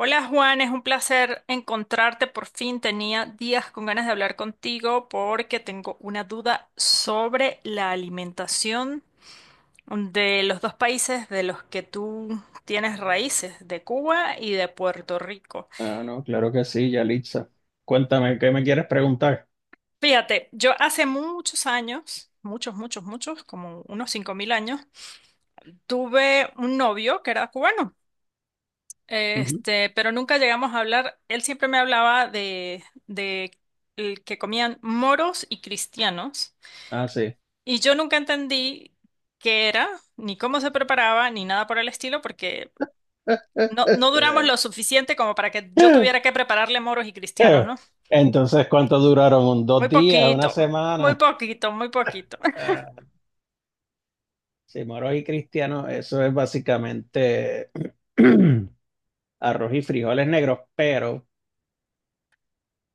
Hola Juan, es un placer encontrarte por fin. Tenía días con ganas de hablar contigo porque tengo una duda sobre la alimentación de los dos países de los que tú tienes raíces, de Cuba y de Puerto Rico. Ah, no, claro que sí, Yalitza. Cuéntame, ¿qué me quieres preguntar? Fíjate, yo hace muchos años, muchos, muchos, muchos, como unos 5000 años, tuve un novio que era cubano. Ujú. Este, pero nunca llegamos a hablar. Él siempre me hablaba de el que comían moros y cristianos. Ah, sí. Y yo nunca entendí qué era, ni cómo se preparaba, ni nada por el estilo, porque no duramos lo suficiente como para que yo tuviera que prepararle moros y cristianos, ¿no? Entonces, ¿cuánto duraron? Muy ¿Dos días? ¿Una poquito, muy semana? poquito, muy poquito. Ah, sí, moros y cristianos, eso es básicamente arroz y frijoles negros, pero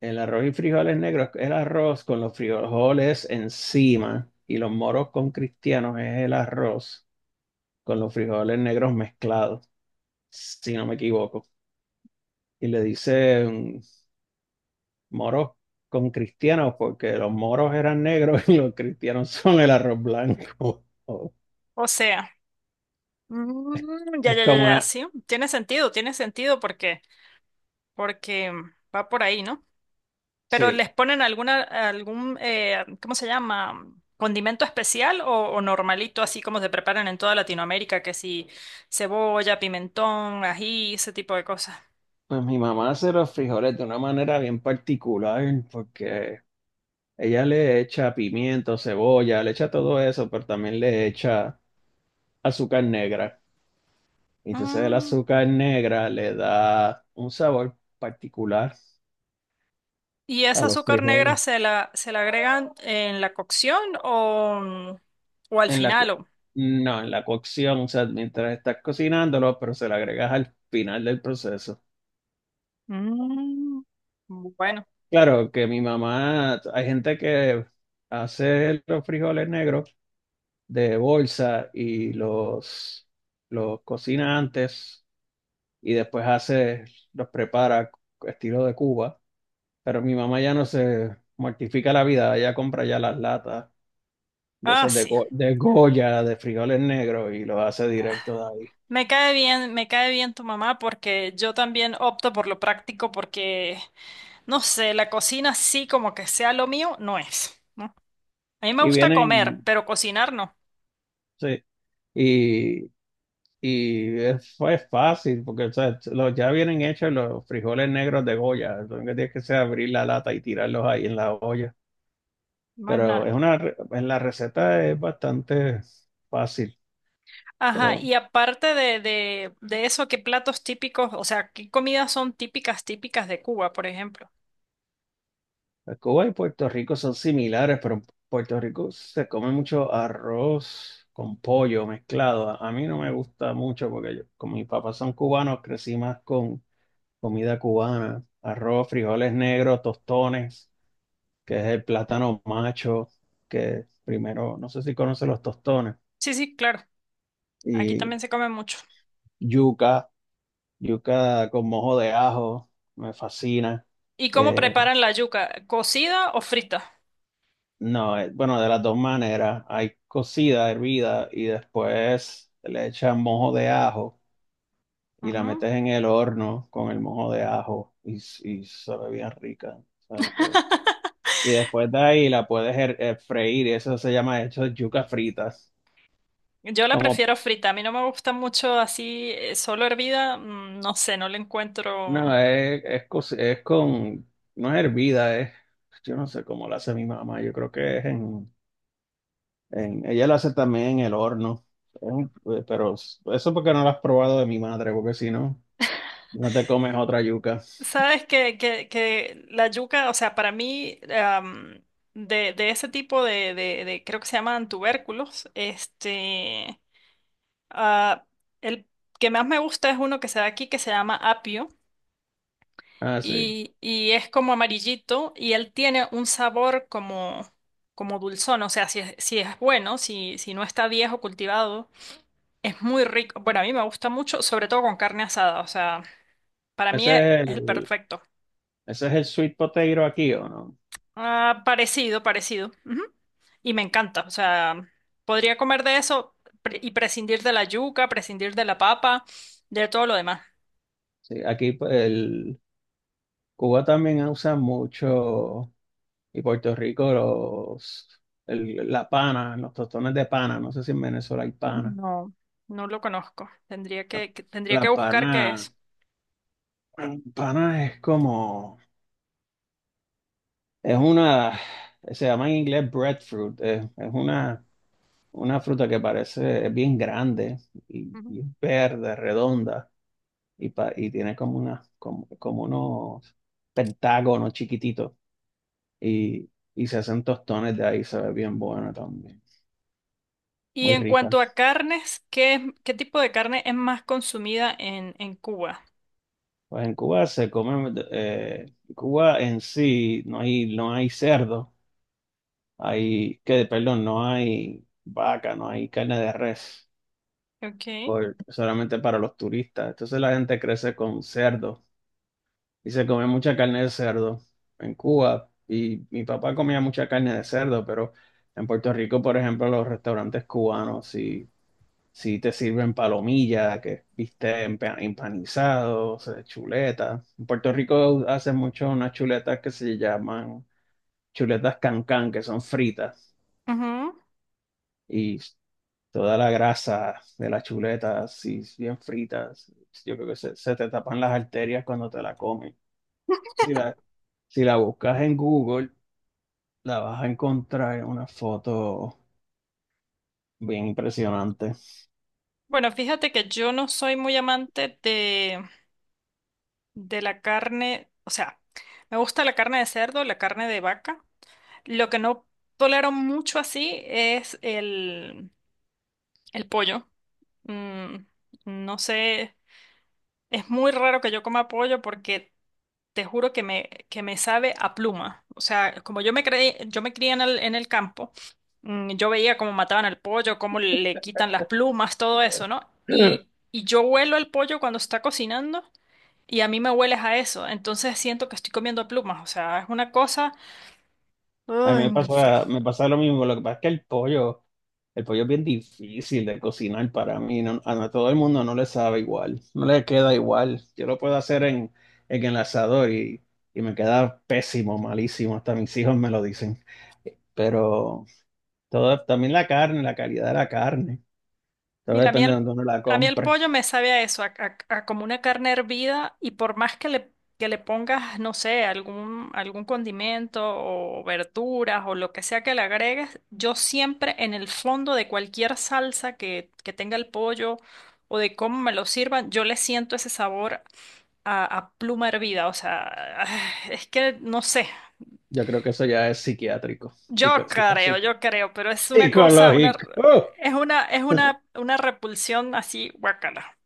el arroz y frijoles negros es el arroz con los frijoles encima y los moros con cristianos es el arroz con los frijoles negros mezclados, si no me equivoco. Y le dicen moros con cristianos porque los moros eran negros y los cristianos son el arroz blanco. O sea, ya, Es ya, ya, como ya, una. sí. Tiene sentido porque va por ahí, ¿no? Pero Sí, les ponen algún, ¿cómo se llama? ¿Condimento especial o normalito, así como se preparan en toda Latinoamérica? Que si cebolla, pimentón, ají, ese tipo de cosas. pues mi mamá hace los frijoles de una manera bien particular porque ella le echa pimiento, cebolla, le echa todo eso, pero también le echa azúcar negra. Y entonces el Mm, azúcar negra le da un sabor particular ¿y a esa los azúcar negra frijoles. Se la agregan en la cocción o al En la, final? co- O... no, en la cocción, o sea, mientras estás cocinándolo, pero se lo agregas al final del proceso. Mm, bueno, Claro que mi mamá, hay gente que hace los frijoles negros de bolsa y los cocina antes y después los prepara estilo de Cuba, pero mi mamá ya no se mortifica la vida, ella compra ya las latas de ah, esas de, sí. De Goya, de frijoles negros y los hace directo de ahí. Me cae bien tu mamá porque yo también opto por lo práctico porque no sé, la cocina sí como que sea lo mío, no es, ¿no? A mí me Y gusta comer, vienen. pero cocinar no, Sí, Y, y fue fácil, porque o sea, ya vienen hechos los frijoles negros de Goya. Lo único que tienes que hacer es abrir la lata y tirarlos ahí en la olla. más Pero nada. En la receta es bastante fácil. Ajá, Pero y aparte de eso, ¿qué platos típicos, o sea, qué comidas son típicas, típicas de Cuba, por ejemplo? Cuba y Puerto Rico son similares, pero en Puerto Rico se come mucho arroz con pollo mezclado. A mí no me gusta mucho porque yo, como mis papás son cubanos, crecí más con comida cubana, arroz, frijoles negros, tostones. Que es el plátano macho, que primero, no sé si conoce los tostones, Sí, sí, claro, aquí y también se come mucho. yuca, yuca con mojo de ajo, me fascina. ¿Y cómo Eh, preparan la yuca? ¿Cocida o frita? no, bueno, de las dos maneras, hay cocida, hervida, y después le echan mojo de ajo y la Ujú. metes en el horno con el mojo de ajo y sabe bien rica. ¿Sabes? Y después de ahí la puedes freír, y eso se llama, hecho, yuca fritas. Yo la Como prefiero frita, a mí no me gusta mucho así, solo hervida, mm, no sé, no le No, encuentro. Es con, no es hervida, yo no sé cómo la hace mi mamá, yo creo que es en ella la hace también en el horno, Es un- pero eso porque no la has probado de mi madre, porque si no, no te comes otra yuca. Sabes que la yuca, o sea, para mí, de ese tipo de creo que se llaman tubérculos, ah, el que más me gusta es uno que se da aquí que se llama apio Ah, sí. Y es como amarillito y él tiene un sabor como, como dulzón, o sea, si es, si es bueno, si, si no está viejo cultivado, es muy rico. Bueno, a mí me gusta mucho, sobre todo con carne asada, o sea, para mí es Ese es es el el, perfecto. ese es el sweet potato aquí, ¿o no? Ah, parecido, parecido. Ujú. Y me encanta. O sea, podría comer de eso y prescindir de la yuca, prescindir de la papa, de todo lo demás. Sí, aquí pues, el Cuba también usa mucho, y Puerto Rico la pana, los tostones de pana, no sé si en Venezuela hay pana. No, no lo conozco. Tendría La, tendría la que buscar pana, qué es. pana es como, es una, se llama en inglés breadfruit, es una fruta que es bien grande y, Ujú. y es verde, redonda y tiene como unos pentágonos chiquititos y, y se hacen tostones de ahí, se ve bien buena también, Y muy en rica. cuanto a carnes, ¿qué tipo de carne es más consumida en Cuba? Pues en Cuba Cuba en sí no hay cerdo. Que perdón, no hay vaca, no hay carne de res, Ok. Solamente para los turistas. Entonces la gente crece con cerdo y se come mucha carne de cerdo en Cuba. Y mi papá comía mucha carne de cerdo, pero en Puerto Rico, por ejemplo, los restaurantes cubanos sí, sí te sirven palomilla, que viste empanizados, chuletas. En Puerto Rico hacen mucho unas chuletas que se llaman chuletas cancán, que son fritas. Ujú. Y toda la grasa de las chuletas, si bien fritas, yo creo que se te tapan las arterias cuando te la comes. Si la, si la buscas en Google, la vas a encontrar en una foto bien impresionante. Bueno, fíjate que yo no soy muy amante de la carne, o sea, me gusta la carne de cerdo, la carne de vaca. Lo que no tolero mucho así es el pollo. Mm, no sé, es muy raro que yo coma pollo porque te juro que me sabe a pluma. O sea, como yo me creí, yo me crié en en el campo, mm, yo veía cómo mataban al pollo, cómo le quitan las plumas, todo eso, ¿no? Y, y yo huelo el pollo cuando se está cocinando y a mí me hueles a eso. Entonces siento que estoy comiendo plumas. O sea, es una cosa... A mí Ay, me no sé. pasa, me pasa lo mismo, lo que pasa es que el pollo. El pollo es bien difícil de cocinar para mí, a todo el mundo no le sabe igual, no le queda igual. Yo lo puedo hacer en el asador y me queda pésimo, malísimo, hasta mis hijos me lo dicen. Pero todo, también la carne, la calidad de la carne, todo Mira, depende de dónde uno la a mí el compre. pollo me sabe a eso, a como una carne hervida y por más que le pongas, no sé, algún condimento o verduras o lo que sea que le agregues, yo siempre en el fondo de cualquier salsa que tenga el pollo o de cómo me lo sirvan, yo le siento ese sabor a pluma hervida, o sea, es que no sé, Yo creo que eso ya es psiquiátrico, psico- psico- psico- yo creo, pero es una cosa, una, psicológico. ¡Uh! Es una repulsión así, guacala.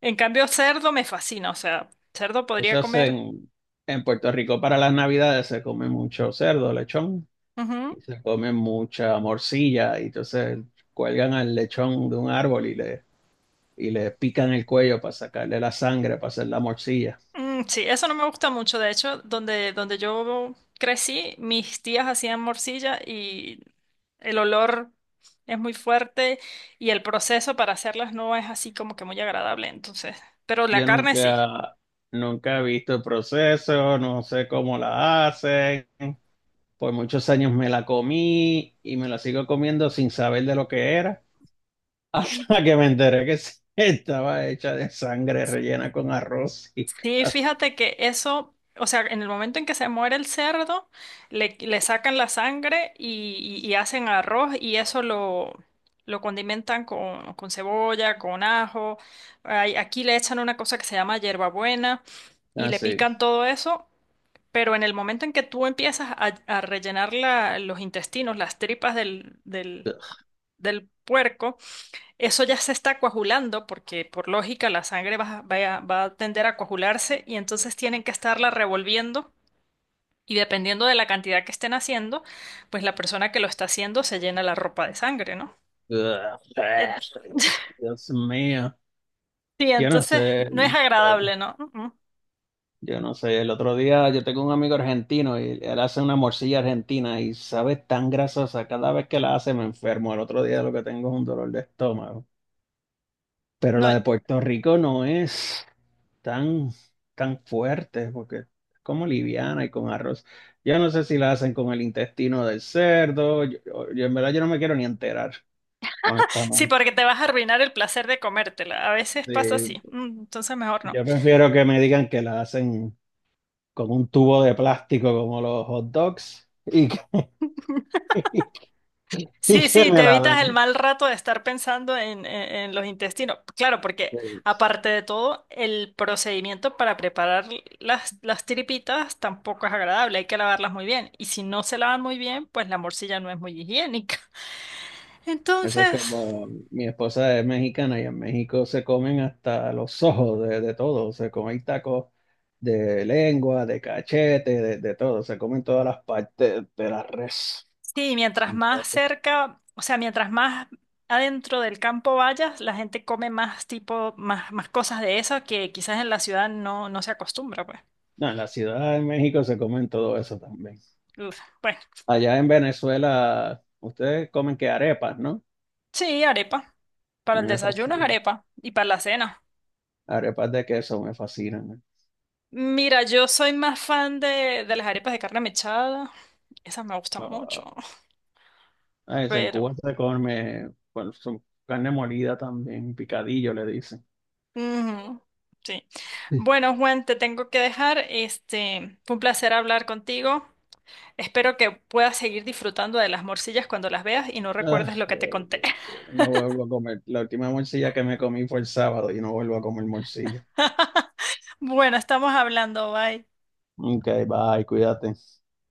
En cambio, cerdo me fascina, o sea, cerdo podría Eso es comer. en Puerto Rico para las Navidades se come mucho cerdo, lechón. Ujú. Y se comen mucha morcilla y entonces cuelgan al lechón de un árbol y le pican el cuello para sacarle la sangre, para hacer la morcilla. Mm, sí, eso no me gusta mucho. De hecho, donde yo crecí, mis tías hacían morcilla y el olor es muy fuerte y el proceso para hacerlas no es así como que muy agradable, entonces. Pero la Yo carne sí. nunca, nunca he visto el proceso, no sé cómo la hacen. Por muchos años me la comí y me la sigo comiendo sin saber de lo que era, hasta que me enteré que sí, estaba hecha de sangre rellena con arroz y Sí, fíjate que eso, o sea, en el momento en que se muere el cerdo, le sacan la sangre y hacen arroz y eso lo condimentan con cebolla, con ajo. Ay, aquí le echan una cosa que se llama hierbabuena y le así. pican todo eso, pero en el momento en que tú empiezas a rellenar los intestinos, las tripas del puerco, eso ya se está coagulando porque por lógica la sangre va a tender a coagularse y entonces tienen que estarla revolviendo y dependiendo de la cantidad que estén haciendo, pues la persona que lo está haciendo se llena la ropa de sangre, ¿no? Eh, Dios mío. Sí, Yo no entonces sé, no es yo, agradable, ¿no? Mm. yo no sé. El otro día yo tengo un amigo argentino y él hace una morcilla argentina y sabe tan grasosa. Cada vez que la hace me enfermo. El otro día lo que tengo es un dolor de estómago. Pero No, la de Puerto Rico no es tan, tan fuerte porque es como liviana y con arroz. Yo no sé si la hacen con el intestino del cerdo. Yo en verdad yo no me quiero ni enterar, sí, honestamente. porque te vas a arruinar el placer de comértela. A veces Sí, pasa así. Mm, entonces mejor no. yo prefiero que me digan que la hacen con un tubo de plástico como los hot dogs y Sí, que sí, me te la evitas el den. mal rato de estar pensando en, en los intestinos. Claro, porque Sí. aparte de todo, el procedimiento para preparar las tripitas tampoco es agradable, hay que lavarlas muy bien. Y si no se lavan muy bien, pues la morcilla no es muy higiénica. Eso es Entonces, como mi esposa es mexicana y en México se comen hasta los ojos de todo, se comen tacos de lengua, de cachete, de todo, se comen todas las partes de la res. sí, mientras más Entonces, cerca, o sea, mientras más adentro del campo vayas, la gente come más tipo, más, más cosas de esas que quizás en la ciudad no, no se acostumbra, pues. no, en la Ciudad de México se comen todo eso también. Uf, bueno. Allá en Venezuela, ustedes comen que arepas, ¿no? Sí, arepa. A Para mí el me desayuno es fascinan. arepa y para la cena. Arepas de queso me fascinan. Mira, yo soy más fan de las arepas de carne mechada. Esas me gustan mucho, Ah, ese en pero... Cuba se come, bueno, su carne molida también, picadillo le dicen. ujú, sí. Bueno, Juan, te tengo que dejar. Este, fue un placer hablar contigo. Espero que puedas seguir disfrutando de las morcillas cuando las veas y no Ah, recuerdes lo que te conté. sí, no vuelvo a comer. La última morcilla que me comí fue el sábado y no vuelvo a comer morcilla. Bueno, estamos hablando, bye. Ok, bye, cuídate.